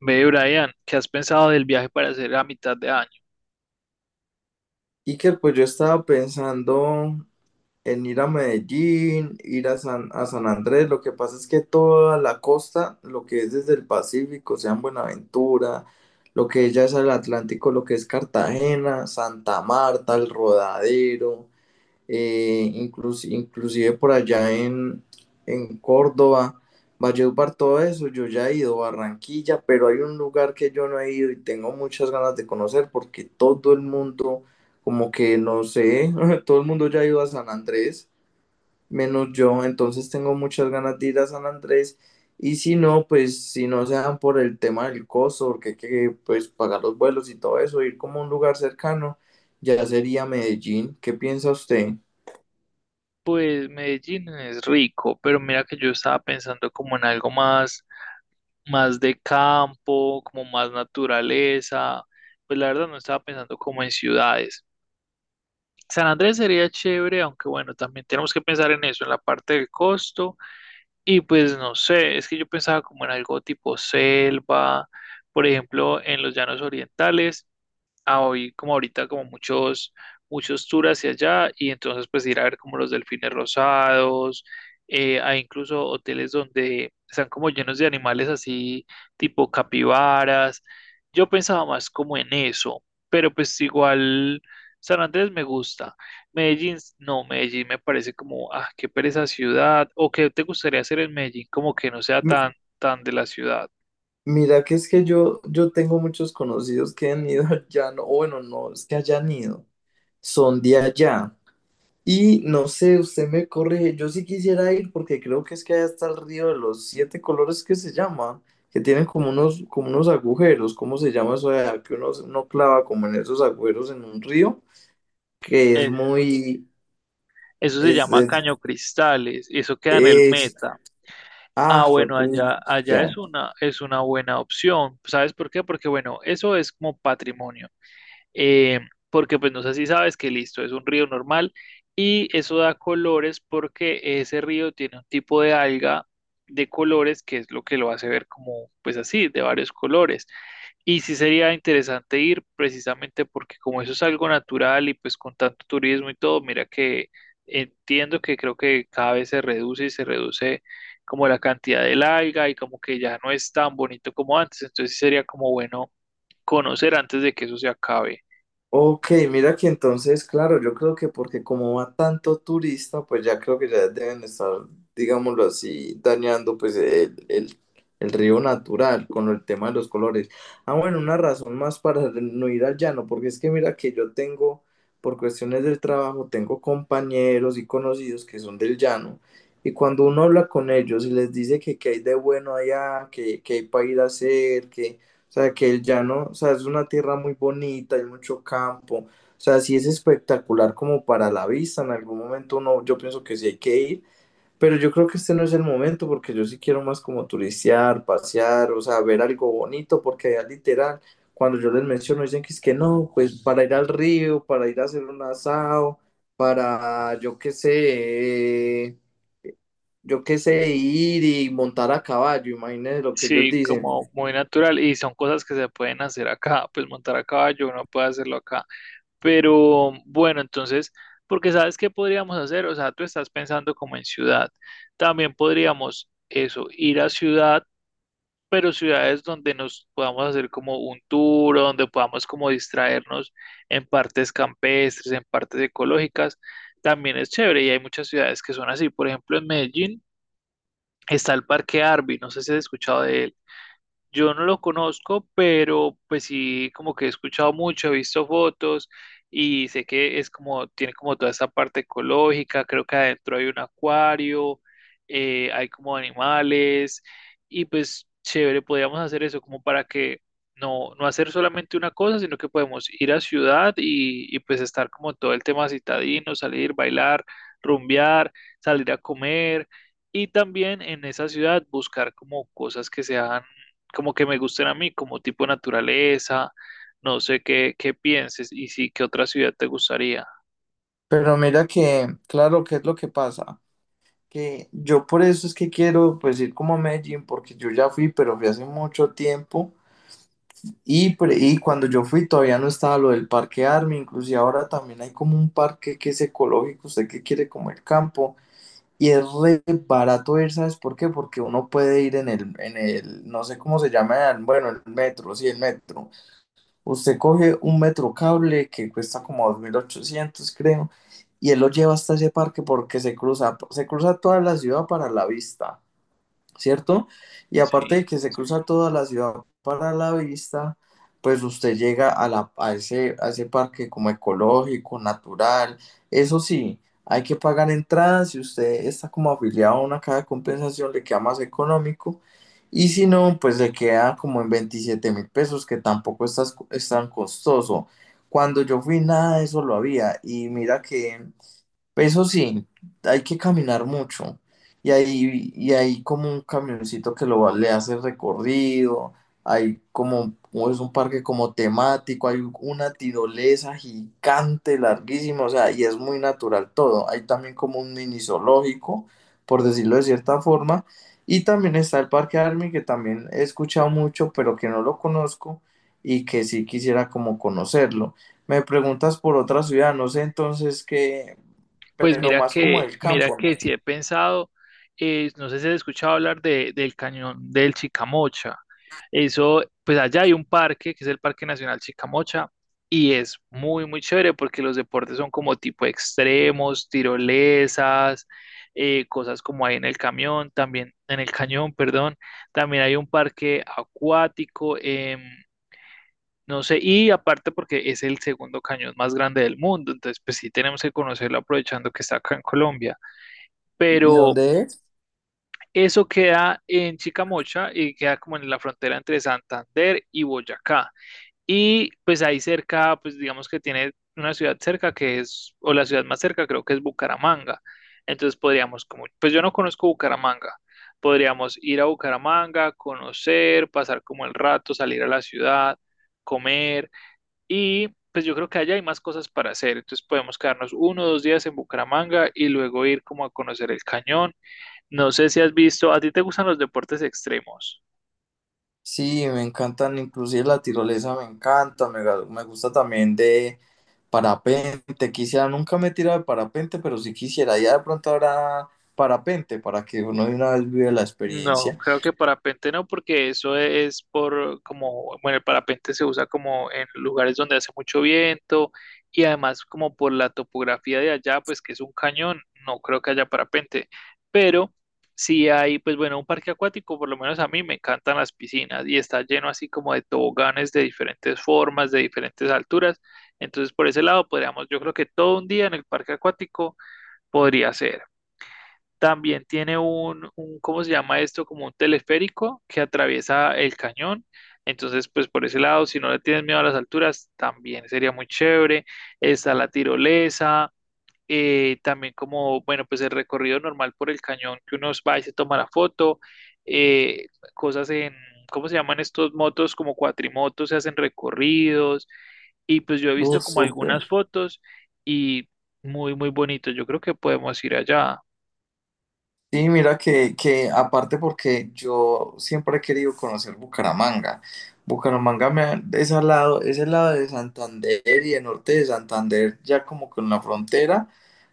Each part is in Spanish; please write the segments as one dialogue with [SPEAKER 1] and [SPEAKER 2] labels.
[SPEAKER 1] Ve, Brian, ¿qué has pensado del viaje para hacer a mitad de año?
[SPEAKER 2] Iker, pues yo estaba pensando en ir a Medellín, ir a San Andrés. Lo que pasa es que toda la costa, lo que es desde el Pacífico, sea en Buenaventura, lo que es ya es el Atlántico, lo que es Cartagena, Santa Marta, el Rodadero, inclusive por allá en Córdoba, Valledupar, todo eso. Yo ya he ido a Barranquilla, pero hay un lugar que yo no he ido y tengo muchas ganas de conocer, porque todo el mundo, como que no sé, todo el mundo ya ha ido a San Andrés, menos yo. Entonces tengo muchas ganas de ir a San Andrés. Y si no, pues si no se dan por el tema del costo, porque hay que, pues, pagar los vuelos y todo eso, ir como a un lugar cercano, ya sería Medellín. ¿Qué piensa usted?
[SPEAKER 1] Pues Medellín es rico, pero mira que yo estaba pensando como en algo más, más de campo, como más naturaleza. Pues la verdad no estaba pensando como en ciudades. San Andrés sería chévere, aunque bueno, también tenemos que pensar en eso, en la parte del costo. Y pues no sé, es que yo pensaba como en algo tipo selva, por ejemplo, en los llanos orientales. A hoy como ahorita como muchos tours hacia allá y entonces pues ir a ver como los delfines rosados. Hay incluso hoteles donde están como llenos de animales así tipo capibaras. Yo pensaba más como en eso, pero pues igual, San Andrés me gusta. Medellín no, Medellín me parece como, ah, qué pereza ciudad. O ¿qué te gustaría hacer en Medellín? Como que no sea tan tan de la ciudad.
[SPEAKER 2] Mira que es que yo tengo muchos conocidos que han ido allá. No, o bueno, no es que hayan ido, son de allá. Y no sé, usted me corrige, yo sí quisiera ir porque creo que es que allá está el río de los siete colores, que se llama, que tienen como unos agujeros. ¿Cómo se llama eso de allá? Que uno clava como en esos agujeros en un río, que es muy,
[SPEAKER 1] Eso se
[SPEAKER 2] es,
[SPEAKER 1] llama
[SPEAKER 2] es,
[SPEAKER 1] Caño Cristales, eso queda en el
[SPEAKER 2] es-
[SPEAKER 1] Meta.
[SPEAKER 2] ah,
[SPEAKER 1] Ah,
[SPEAKER 2] fue
[SPEAKER 1] bueno, allá, allá
[SPEAKER 2] pucha.
[SPEAKER 1] es una buena opción. ¿Sabes por qué? Porque, bueno, eso es como patrimonio. eh, Porque pues no sé si sabes que, listo, es un río normal y eso da colores porque ese río tiene un tipo de alga de colores, que es lo que lo hace ver como, pues así, de varios colores. Y sí sería interesante ir, precisamente porque como eso es algo natural y pues con tanto turismo y todo, mira que entiendo que creo que cada vez se reduce y se reduce como la cantidad del alga y como que ya no es tan bonito como antes. Entonces sí sería como bueno conocer antes de que eso se acabe.
[SPEAKER 2] Ok, mira que entonces, claro, yo creo que porque como va tanto turista, pues ya creo que ya deben estar, digámoslo así, dañando pues el río natural con el tema de los colores. Ah, bueno, una razón más para no ir al llano, porque es que mira que yo tengo, por cuestiones del trabajo, tengo compañeros y conocidos que son del llano. Y cuando uno habla con ellos y les dice que qué hay de bueno allá, que qué hay para ir a hacer, que o sea, que el llano, o sea, es una tierra muy bonita, hay mucho campo. O sea, sí es espectacular como para la vista. En algún momento uno, yo pienso que sí hay que ir, pero yo creo que este no es el momento, porque yo sí quiero más como turistear, pasear, o sea, ver algo bonito. Porque allá literal, cuando yo les menciono, dicen que es que no, pues para ir al río, para ir a hacer un asado, para, yo qué sé, ir y montar a caballo. Imagínense lo que ellos
[SPEAKER 1] Sí,
[SPEAKER 2] dicen.
[SPEAKER 1] como muy natural y son cosas que se pueden hacer acá, pues montar a caballo, uno puede hacerlo acá. Pero bueno, entonces, porque sabes qué podríamos hacer, o sea, tú estás pensando como en ciudad. También podríamos eso, ir a ciudad, pero ciudades donde nos podamos hacer como un tour, o donde podamos como distraernos en partes campestres, en partes ecológicas. También es chévere y hay muchas ciudades que son así. Por ejemplo, en Medellín está el Parque Arby, no sé si has escuchado de él. Yo no lo conozco, pero pues sí, como que he escuchado mucho, he visto fotos y sé que es como, tiene como toda esa parte ecológica, creo que adentro hay un acuario, hay como animales y pues chévere, podríamos hacer eso como para que no, no hacer solamente una cosa, sino que podemos ir a ciudad y pues estar como todo el tema citadino, salir, bailar, rumbear, salir a comer. Y también en esa ciudad buscar como cosas que sean como que me gusten a mí, como tipo naturaleza, no sé qué, qué pienses y sí, qué otra ciudad te gustaría.
[SPEAKER 2] Pero mira que, claro, ¿qué es lo que pasa? Que yo por eso es que quiero pues ir como a Medellín, porque yo ya fui, pero fui hace mucho tiempo. Y, y cuando yo fui todavía no estaba lo del parque Army. Inclusive ahora también hay como un parque que es ecológico, usted que quiere como el campo, y es re barato ir. ¿Sabes por qué? Porque uno puede ir en el, no sé cómo se llama, bueno, el metro, sí, el metro. Usted coge un metro cable que cuesta como 2.800, creo, y él lo lleva hasta ese parque, porque se cruza toda la ciudad para la vista, ¿cierto? Y aparte
[SPEAKER 1] Sí.
[SPEAKER 2] de que se cruza toda la ciudad para la vista, pues usted llega a ese parque como ecológico, natural. Eso sí, hay que pagar entradas. Si usted está como afiliado a una caja de compensación, le queda más económico. Y si no, pues le queda como en 27.000 pesos, que tampoco es es tan costoso. Cuando yo fui, nada de eso lo había. Y mira que eso sí, hay que caminar mucho. Y hay como un camioncito que le hace recorrido. Hay como, o es un parque como temático, hay una tirolesa gigante, larguísima, o sea, y es muy natural todo. Hay también como un mini zoológico, por decirlo de cierta forma. Y también está el Parque Army, que también he escuchado mucho, pero que no lo conozco y que sí quisiera como conocerlo. Me preguntas por otra ciudad, no sé entonces qué,
[SPEAKER 1] Pues
[SPEAKER 2] pero más como del
[SPEAKER 1] mira
[SPEAKER 2] campo, ¿no?
[SPEAKER 1] que sí he pensado, no sé si has escuchado hablar de, del cañón del Chicamocha. Eso, pues allá hay un parque que es el Parque Nacional Chicamocha y es muy, muy chévere porque los deportes son como tipo extremos, tirolesas, cosas como hay en el camión, también en el cañón, perdón. También hay un parque acuático. No sé, y aparte porque es el segundo cañón más grande del mundo, entonces pues sí tenemos que conocerlo aprovechando que está acá en Colombia,
[SPEAKER 2] ¿Y
[SPEAKER 1] pero
[SPEAKER 2] dónde es?
[SPEAKER 1] eso queda en Chicamocha y queda como en la frontera entre Santander y Boyacá. Y pues ahí cerca, pues digamos que tiene una ciudad cerca que es, o la ciudad más cerca creo que es Bucaramanga. Entonces podríamos como, pues yo no conozco Bucaramanga, podríamos ir a Bucaramanga, conocer, pasar como el rato, salir a la ciudad, comer y pues yo creo que allá hay más cosas para hacer. Entonces podemos quedarnos uno o dos días en Bucaramanga y luego ir como a conocer el cañón. No sé si has visto, ¿a ti te gustan los deportes extremos?
[SPEAKER 2] Sí, me encantan, inclusive la tirolesa me encanta, me, me gusta también de parapente. Quisiera, nunca me he tirado de parapente, pero sí quisiera, ya de pronto habrá parapente para que uno de una vez vive la
[SPEAKER 1] No,
[SPEAKER 2] experiencia.
[SPEAKER 1] creo que parapente no, porque eso es por como, bueno, el parapente se usa como en lugares donde hace mucho viento y además como por la topografía de allá, pues que es un cañón, no creo que haya parapente, pero si hay, pues bueno, un parque acuático, por lo menos a mí me encantan las piscinas y está lleno así como de toboganes de diferentes formas, de diferentes alturas, entonces por ese lado podríamos, yo creo que todo un día en el parque acuático podría ser. También tiene un, ¿cómo se llama esto? Como un teleférico que atraviesa el cañón. Entonces, pues por ese lado, si no le tienes miedo a las alturas, también sería muy chévere. Está la tirolesa, también como, bueno, pues el recorrido normal por el cañón que uno va y se toma la foto, eh, cosas en, ¿cómo se llaman estos motos? Como cuatrimotos, se hacen recorridos y pues yo he visto como
[SPEAKER 2] Súper.
[SPEAKER 1] algunas fotos y muy, muy bonito. Yo creo que podemos ir allá.
[SPEAKER 2] Sí, mira que aparte, porque yo siempre he querido conocer Bucaramanga. Bucaramanga es al lado, es el lado de Santander y el norte de Santander, ya como con la frontera.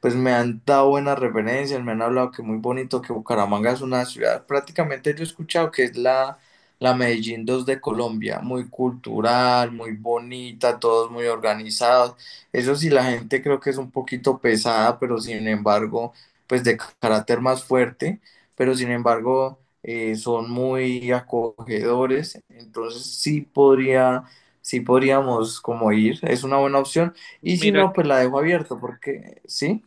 [SPEAKER 2] Pues me han dado buenas referencias, me han hablado que muy bonito, que Bucaramanga es una ciudad, prácticamente yo he escuchado que es la Medellín 2 de Colombia, muy cultural, muy bonita, todos muy organizados. Eso sí, la gente creo que es un poquito pesada, pero sin embargo pues de carácter más fuerte. Pero sin embargo, son muy acogedores. Entonces sí podría, sí podríamos como ir, es una buena opción. Y si
[SPEAKER 1] Mira
[SPEAKER 2] no, pues la dejo abierta, porque sí.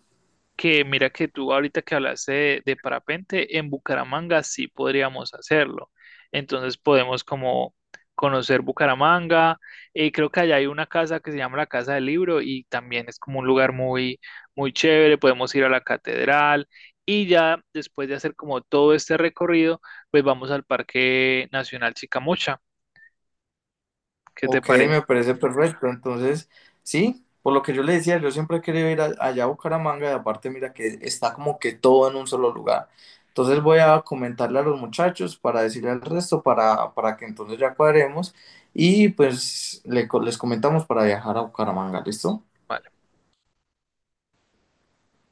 [SPEAKER 1] que tú ahorita que hablaste de parapente, en Bucaramanga sí podríamos hacerlo. Entonces podemos como conocer Bucaramanga. Creo que allá hay una casa que se llama la Casa del Libro y también es como un lugar muy, muy chévere. Podemos ir a la catedral y ya después de hacer como todo este recorrido, pues vamos al Parque Nacional Chicamocha. ¿Qué te
[SPEAKER 2] Ok, me
[SPEAKER 1] parece?
[SPEAKER 2] parece perfecto. Entonces, sí, por lo que yo le decía, yo siempre he querido ir allá a Bucaramanga, y aparte mira que está como que todo en un solo lugar. Entonces voy a comentarle a los muchachos para decirle al resto, para que entonces ya cuadremos y pues le les comentamos para viajar a Bucaramanga, ¿listo?